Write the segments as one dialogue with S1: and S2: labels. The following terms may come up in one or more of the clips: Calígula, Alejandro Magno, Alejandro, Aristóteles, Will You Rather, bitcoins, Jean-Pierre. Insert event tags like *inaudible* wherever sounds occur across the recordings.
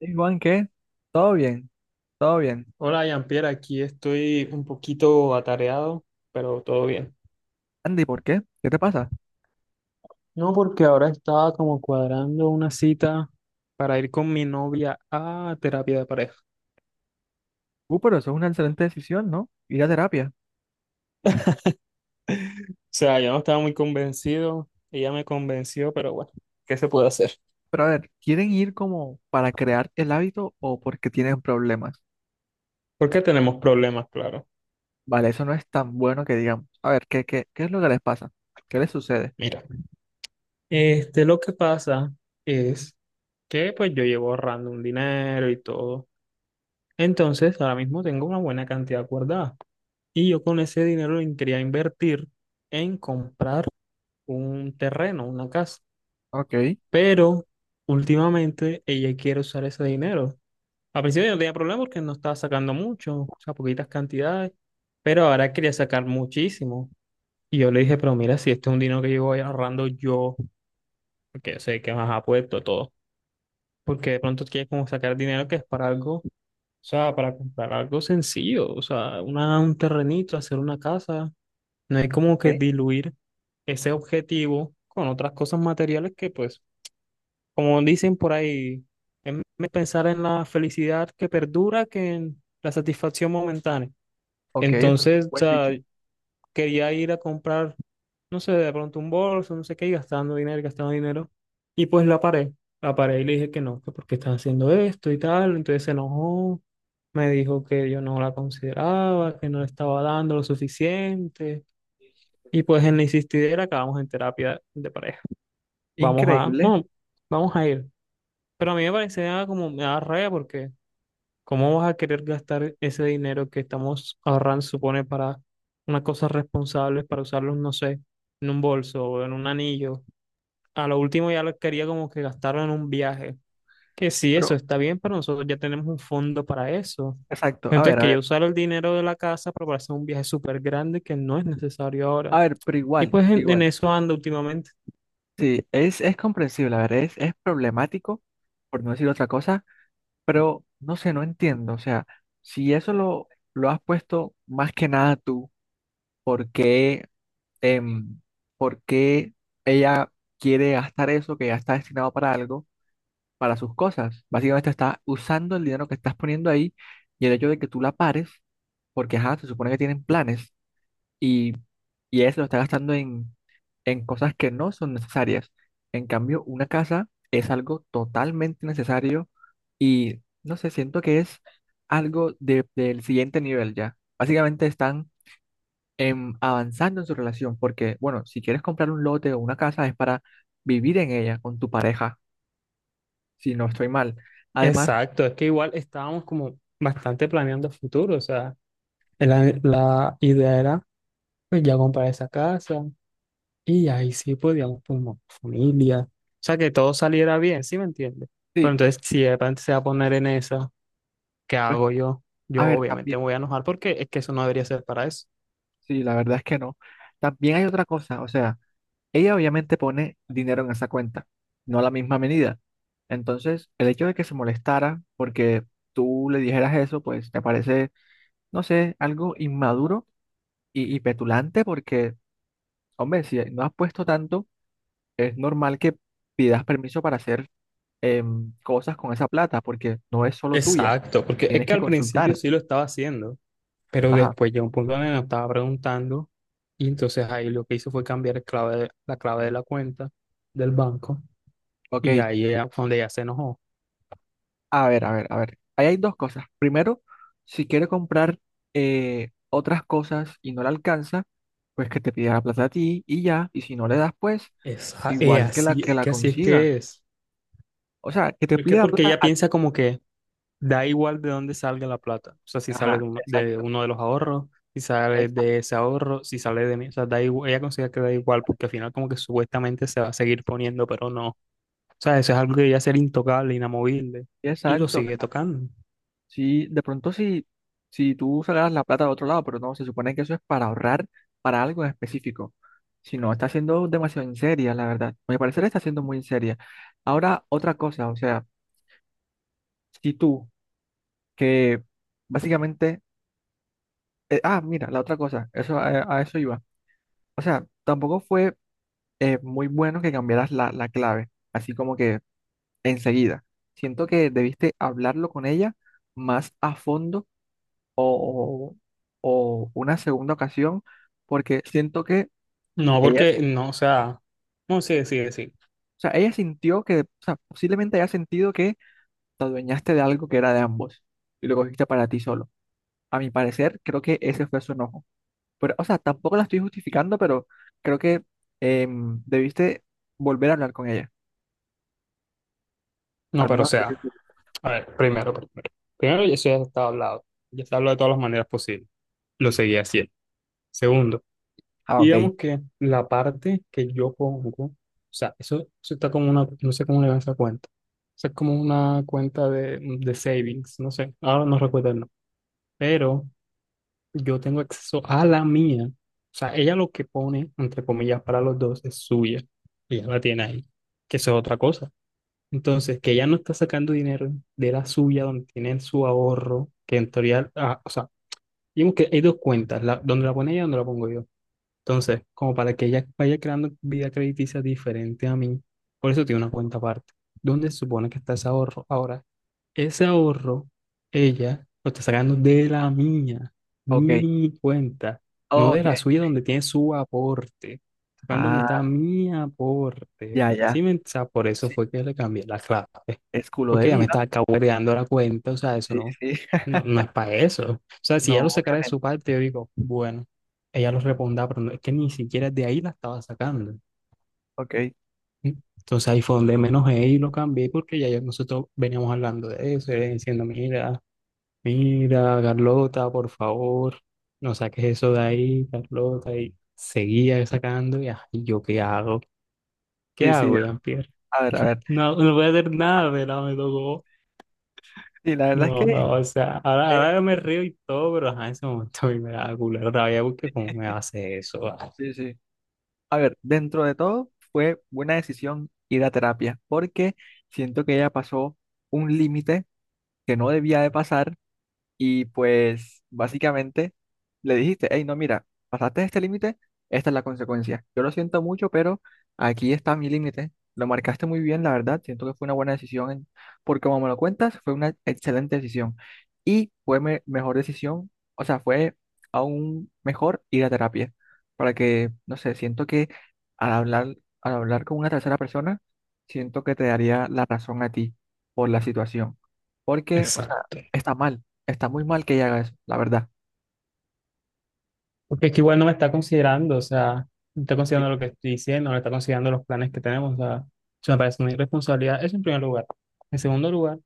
S1: Hey, Juan, ¿qué? Todo bien, todo bien.
S2: Hola, Jean-Pierre, aquí estoy un poquito atareado, pero todo bien.
S1: Andy, ¿por qué? ¿Qué te pasa?
S2: No, porque ahora estaba como cuadrando una cita para ir con mi novia a terapia de pareja. O
S1: Pero eso es una excelente decisión, ¿no? Ir a terapia.
S2: sea, yo no estaba muy convencido, ella me convenció, pero bueno, ¿qué se puede hacer?
S1: Pero a ver, ¿quieren ir como para crear el hábito o porque tienen problemas?
S2: Porque tenemos problemas, claro.
S1: Vale, eso no es tan bueno que digamos. A ver, ¿qué es lo que les pasa? ¿Qué les sucede?
S2: Mira, este, lo que pasa es que pues yo llevo ahorrando un dinero y todo. Entonces, ahora mismo tengo una buena cantidad guardada. Y yo con ese dinero lo quería invertir en comprar un terreno, una casa.
S1: Ok,
S2: Pero últimamente ella quiere usar ese dinero. Al principio yo no tenía problema porque no estaba sacando mucho, o sea, poquitas cantidades, pero ahora quería sacar muchísimo. Y yo le dije, pero mira, si este es un dinero que yo voy ahorrando yo, porque yo sé que más apuesto todo, porque de pronto quieres como sacar dinero que es para algo, o sea, para comprar algo sencillo, o sea, una, un terrenito, hacer una casa, no hay como que
S1: ok,
S2: diluir ese objetivo con otras cosas materiales que, pues, como dicen por ahí, es pensar en la felicidad que perdura que en la satisfacción momentánea.
S1: ok, eso es
S2: Entonces, o
S1: buen
S2: sea,
S1: dicho.
S2: quería ir a comprar, no sé, de pronto un bolso, no sé qué, y gastando dinero, y gastando dinero. Y pues la paré y le dije que no, que porque estás haciendo esto y tal. Entonces se enojó, me dijo que yo no la consideraba, que no le estaba dando lo suficiente. Y pues en la insistidera acabamos en terapia de pareja. Vamos a,
S1: Increíble,
S2: no, vamos a ir. Pero a mí me parecía como, me da rabia porque ¿cómo vas a querer gastar ese dinero que estamos ahorrando, supone, para unas cosas responsables, para usarlos, no sé, en un bolso o en un anillo? A lo último ya lo quería como que gastarlo en un viaje. Que sí, eso
S1: pero
S2: está bien, pero nosotros ya tenemos un fondo para eso.
S1: exacto. A
S2: Entonces
S1: ver, a
S2: quería
S1: ver,
S2: usar el dinero de la casa para hacer un viaje súper grande que no es necesario ahora.
S1: a ver, pero
S2: Y
S1: igual,
S2: pues en
S1: igual.
S2: eso ando últimamente.
S1: Sí, es comprensible, a ver, es problemático, por no decir otra cosa. Pero no sé, no entiendo. O sea, si eso lo has puesto más que nada tú, ¿por qué, em, por qué ella quiere gastar eso que ya está destinado para algo, para sus cosas? Básicamente está usando el dinero que estás poniendo ahí y el hecho de que tú la pares, porque ajá, se supone que tienen planes y, y ella se lo está gastando en cosas que no son necesarias. En cambio, una casa es algo totalmente necesario y no sé, siento que es del siguiente nivel ya. Básicamente están avanzando en su relación porque, bueno, si quieres comprar un lote o una casa es para vivir en ella con tu pareja, si no estoy mal. Además,
S2: Exacto, es que igual estábamos como bastante planeando futuro, o sea, la idea era pues ya comprar esa casa y ahí sí podíamos formar familia, o sea, que todo saliera bien, ¿sí me entiendes? Pero
S1: sí,
S2: entonces si de repente se va a poner en esa, ¿qué
S1: pero
S2: hago
S1: es-
S2: yo?
S1: a
S2: Yo
S1: ver,
S2: obviamente
S1: también,
S2: me voy a enojar porque es que eso no debería ser para eso.
S1: sí, la verdad es que no. También hay otra cosa, o sea. Ella obviamente pone dinero en esa cuenta, no a la misma medida. Entonces, el hecho de que se molestara porque tú le dijeras eso, pues me parece, no sé, algo inmaduro y petulante porque, hombre, si no has puesto tanto, es normal que pidas permiso para hacer cosas con esa plata porque no es solo tuya,
S2: Exacto, porque es
S1: tienes
S2: que
S1: que
S2: al principio
S1: consultar.
S2: sí lo estaba haciendo, pero
S1: Ajá,
S2: después llegó un punto donde me estaba preguntando y entonces ahí lo que hizo fue cambiar el clave, la clave de la cuenta del banco.
S1: ok.
S2: Y ahí ella, cuando ella se enojó,
S1: A ver, a ver, a ver. Ahí hay dos cosas. Primero, si quiere comprar otras cosas y no le alcanza, pues que te pida la plata a ti y ya, y si no le das, pues
S2: es, es
S1: igual que la
S2: así es
S1: consiga.
S2: que es.
S1: O sea, que te
S2: Es que
S1: pida la
S2: porque
S1: plata
S2: ella
S1: a ti.
S2: piensa como que da igual de dónde salga la plata. O sea, si sale
S1: Ajá,
S2: de,
S1: exacto,
S2: uno de los ahorros, si sale de
S1: exacto,
S2: ese ahorro, si sale de mí. O sea, da igual, ella considera que da igual porque al final como que supuestamente se va a seguir poniendo, pero no. O sea, eso es algo que debería ser intocable, inamovible. Y lo
S1: exacto. O sea,
S2: sigue tocando.
S1: si de pronto si, si tú sacaras la plata de otro lado, pero no, se supone que eso es para ahorrar para algo en específico. Si no, está siendo demasiado en seria, la verdad. A mi parecer está siendo muy en seria. Ahora, otra cosa, o sea, si tú, que básicamente, mira, la otra cosa, eso, a eso iba. O sea, tampoco fue muy bueno que cambiaras la clave, así como que enseguida. Siento que debiste hablarlo con ella más a fondo o, o o una segunda ocasión, porque siento que
S2: No,
S1: ella,
S2: porque
S1: o
S2: no, o sea, no, sí, sí, sí.
S1: sea, ella sintió que, o sea, posiblemente haya sentido que te adueñaste de algo que era de ambos y lo cogiste para ti solo. A mi parecer, creo que ese fue su enojo. Pero, o sea, tampoco la estoy justificando, pero creo que debiste volver a hablar con ella.
S2: No,
S1: Al
S2: pero o
S1: menos hasta que
S2: sea,
S1: tú-
S2: a ver, primero, primero. Primero, eso ya está hablado. Ya está hablado de todas las maneras posibles. Lo seguía haciendo. Segundo,
S1: Ah, ok.
S2: digamos que la parte que yo pongo, o sea, eso está como una, no sé cómo le llaman esa cuenta. Eso es como una cuenta de savings, no sé, ahora no recuerdo el nombre. Pero yo tengo acceso a la mía. O sea, ella lo que pone, entre comillas, para los dos es suya. Ella la tiene ahí, que eso es otra cosa. Entonces, que ella no está sacando dinero de la suya, donde tiene su ahorro, que en teoría, ah, o sea, digamos que hay dos cuentas, la, donde la pone ella y donde la pongo yo. Entonces, como para que ella vaya creando vida crediticia diferente a mí, por eso tiene una cuenta aparte. ¿Dónde se supone que está ese ahorro? Ahora, ese ahorro, ella lo está sacando de la mía,
S1: Ok,
S2: mi cuenta, no de
S1: ok.
S2: la suya donde tiene su aporte, sacando donde está
S1: Ah,
S2: mi aporte.
S1: ya, ya.
S2: Sí, o sea, por eso
S1: Sí,
S2: fue que le cambié la clave.
S1: es culo de
S2: Porque ya me
S1: viva.
S2: está dando la cuenta, o sea, eso
S1: Sí,
S2: no,
S1: sí. *laughs*
S2: no, no es para eso. O sea, si ella
S1: No,
S2: lo sacara de su
S1: obviamente.
S2: parte, yo digo, bueno, ella lo responda, pero no, es que ni siquiera de ahí la estaba sacando.
S1: Ok.
S2: ¿Sí? Entonces ahí fue donde menos y lo cambié porque ya nosotros veníamos hablando de eso, ella diciendo, mira, mira, Carlota, por favor, no saques eso de ahí, Carlota, y seguía sacando, y ah, ¿y yo qué
S1: Sí, sí, ya.
S2: hago, Jean-Pierre?
S1: A ver, a ver.
S2: No, no voy a hacer nada, ¿verdad? Me tocó.
S1: Sí, la verdad es
S2: No,
S1: que,
S2: no, o sea, ahora,
S1: eh,
S2: ahora yo me río y todo, pero ajá, en ese momento a mí me da culera rabia porque cómo me hace eso. Ah.
S1: sí, sí. A ver, dentro de todo, fue buena decisión ir a terapia, porque siento que ella pasó un límite que no debía de pasar. Y pues básicamente le dijiste, hey, no, mira, pasaste este límite, esta es la consecuencia. Yo lo siento mucho, pero aquí está mi límite. Lo marcaste muy bien, la verdad. Siento que fue una buena decisión, porque como me lo cuentas, fue una excelente decisión. Y fue mejor decisión, o sea, fue aún mejor ir a terapia, para que, no sé, siento que al hablar, al hablar con una tercera persona, siento que te daría la razón a ti por la situación. Porque, o sea,
S2: Exacto.
S1: está mal. Está muy mal que ella haga eso, la verdad.
S2: Porque es que igual no me está considerando, o sea, no está
S1: Sí,
S2: considerando lo que estoy diciendo, no está considerando los planes que tenemos, o sea, eso me parece una irresponsabilidad, eso en primer lugar. En segundo lugar,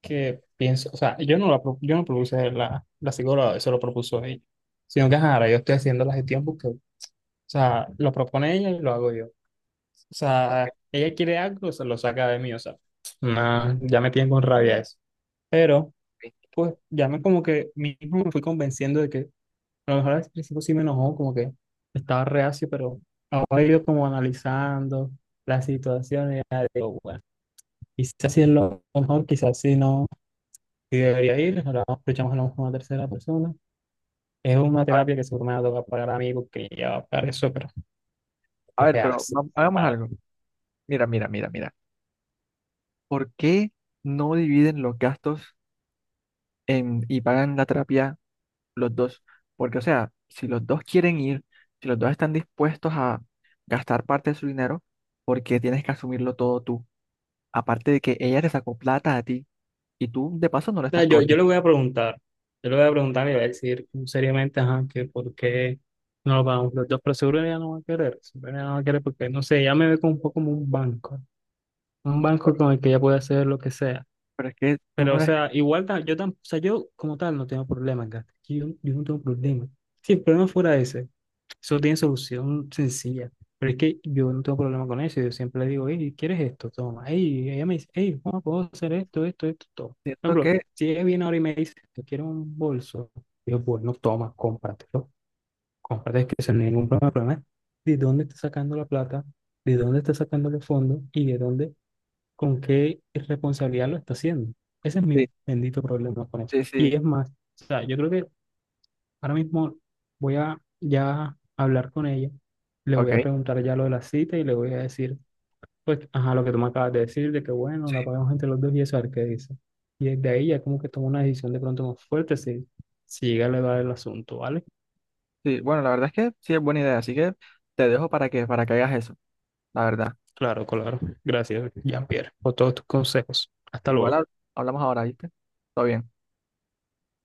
S2: que pienso, o sea, yo no, la, yo no propuse la, la psicóloga, eso lo propuso ella, sino que ajá, ahora yo estoy haciendo la gestión porque, o sea, lo propone ella y lo hago yo. O
S1: ok,
S2: sea, ella quiere algo, se lo saca de mí, o sea, no, ya me tienen con rabia eso. Pero,
S1: ok.
S2: pues, ya me como que mismo me fui convenciendo de que a lo mejor al principio sí me enojó, como que estaba reacio, pero ahora he ido como analizando la situación y ya digo, bueno, quizás sí es lo mejor, quizás sí no, sí debería ir, ahora escuchamos a lo mejor una tercera persona. Es una terapia que seguro me va a tocar pagar a mí porque ya va a pagar eso, pero
S1: A ver,
S2: qué hace
S1: hagamos algo. Mira, mira, mira, mira. ¿Por qué no dividen los gastos y pagan la terapia los dos? Porque, o sea, si los dos quieren ir, si los dos están dispuestos a gastar parte de su dinero, ¿por qué tienes que asumirlo todo tú? Aparte de que ella te sacó plata a ti y tú de paso no le
S2: sea,
S1: estás
S2: yo le
S1: cobrando.
S2: voy a preguntar, yo le voy a preguntar y le voy a decir seriamente, ajá, que por qué no lo pagamos los dos, pero seguro ella no va a querer, seguro ella no va a querer porque, no sé, ella me ve como un poco como un banco con el que ella puede hacer lo que sea.
S1: Pero es que tú
S2: Pero,
S1: no
S2: o
S1: eres,
S2: sea, igual yo, o sea, yo como tal no tengo problemas, Gata, yo no tengo problemas si el problema fuera ese. Eso tiene solución sencilla. Pero es que yo no tengo problema con eso. Yo siempre le digo, hey, ¿quieres esto? Toma. Hey, ella me dice, hey, ¿cómo puedo hacer esto, esto, esto, todo? Por
S1: siento
S2: ejemplo,
S1: que...
S2: si ella viene ahora y me dice, yo quiero un bolso, yo, bueno, toma, cómpratelo. Cómprate, es que eso no es ningún problema. El problema es ¿de dónde está sacando la plata? ¿De dónde está sacando los fondos? ¿Y de dónde, con qué responsabilidad lo está haciendo? Ese es
S1: Sí,
S2: mi bendito problema con eso.
S1: sí,
S2: Y
S1: sí.
S2: es más, o sea, yo creo que ahora mismo voy a ya hablar con ella, le voy
S1: Ok.
S2: a preguntar ya lo de la cita y le voy a decir, pues, ajá, lo que tú me acabas de decir, de que bueno, la pagamos entre los dos y eso, a ver qué dice. Y desde ahí ya como que tomo una decisión de pronto más fuerte si, si llega a elevar el asunto, ¿vale?
S1: Sí, bueno, la verdad es que sí es buena idea, así que te dejo para que hagas eso. La verdad.
S2: Claro, claro. Gracias, Jean-Pierre, por todos tus consejos. Hasta
S1: Igual
S2: luego.
S1: hablamos ahora, ¿viste? Todo bien.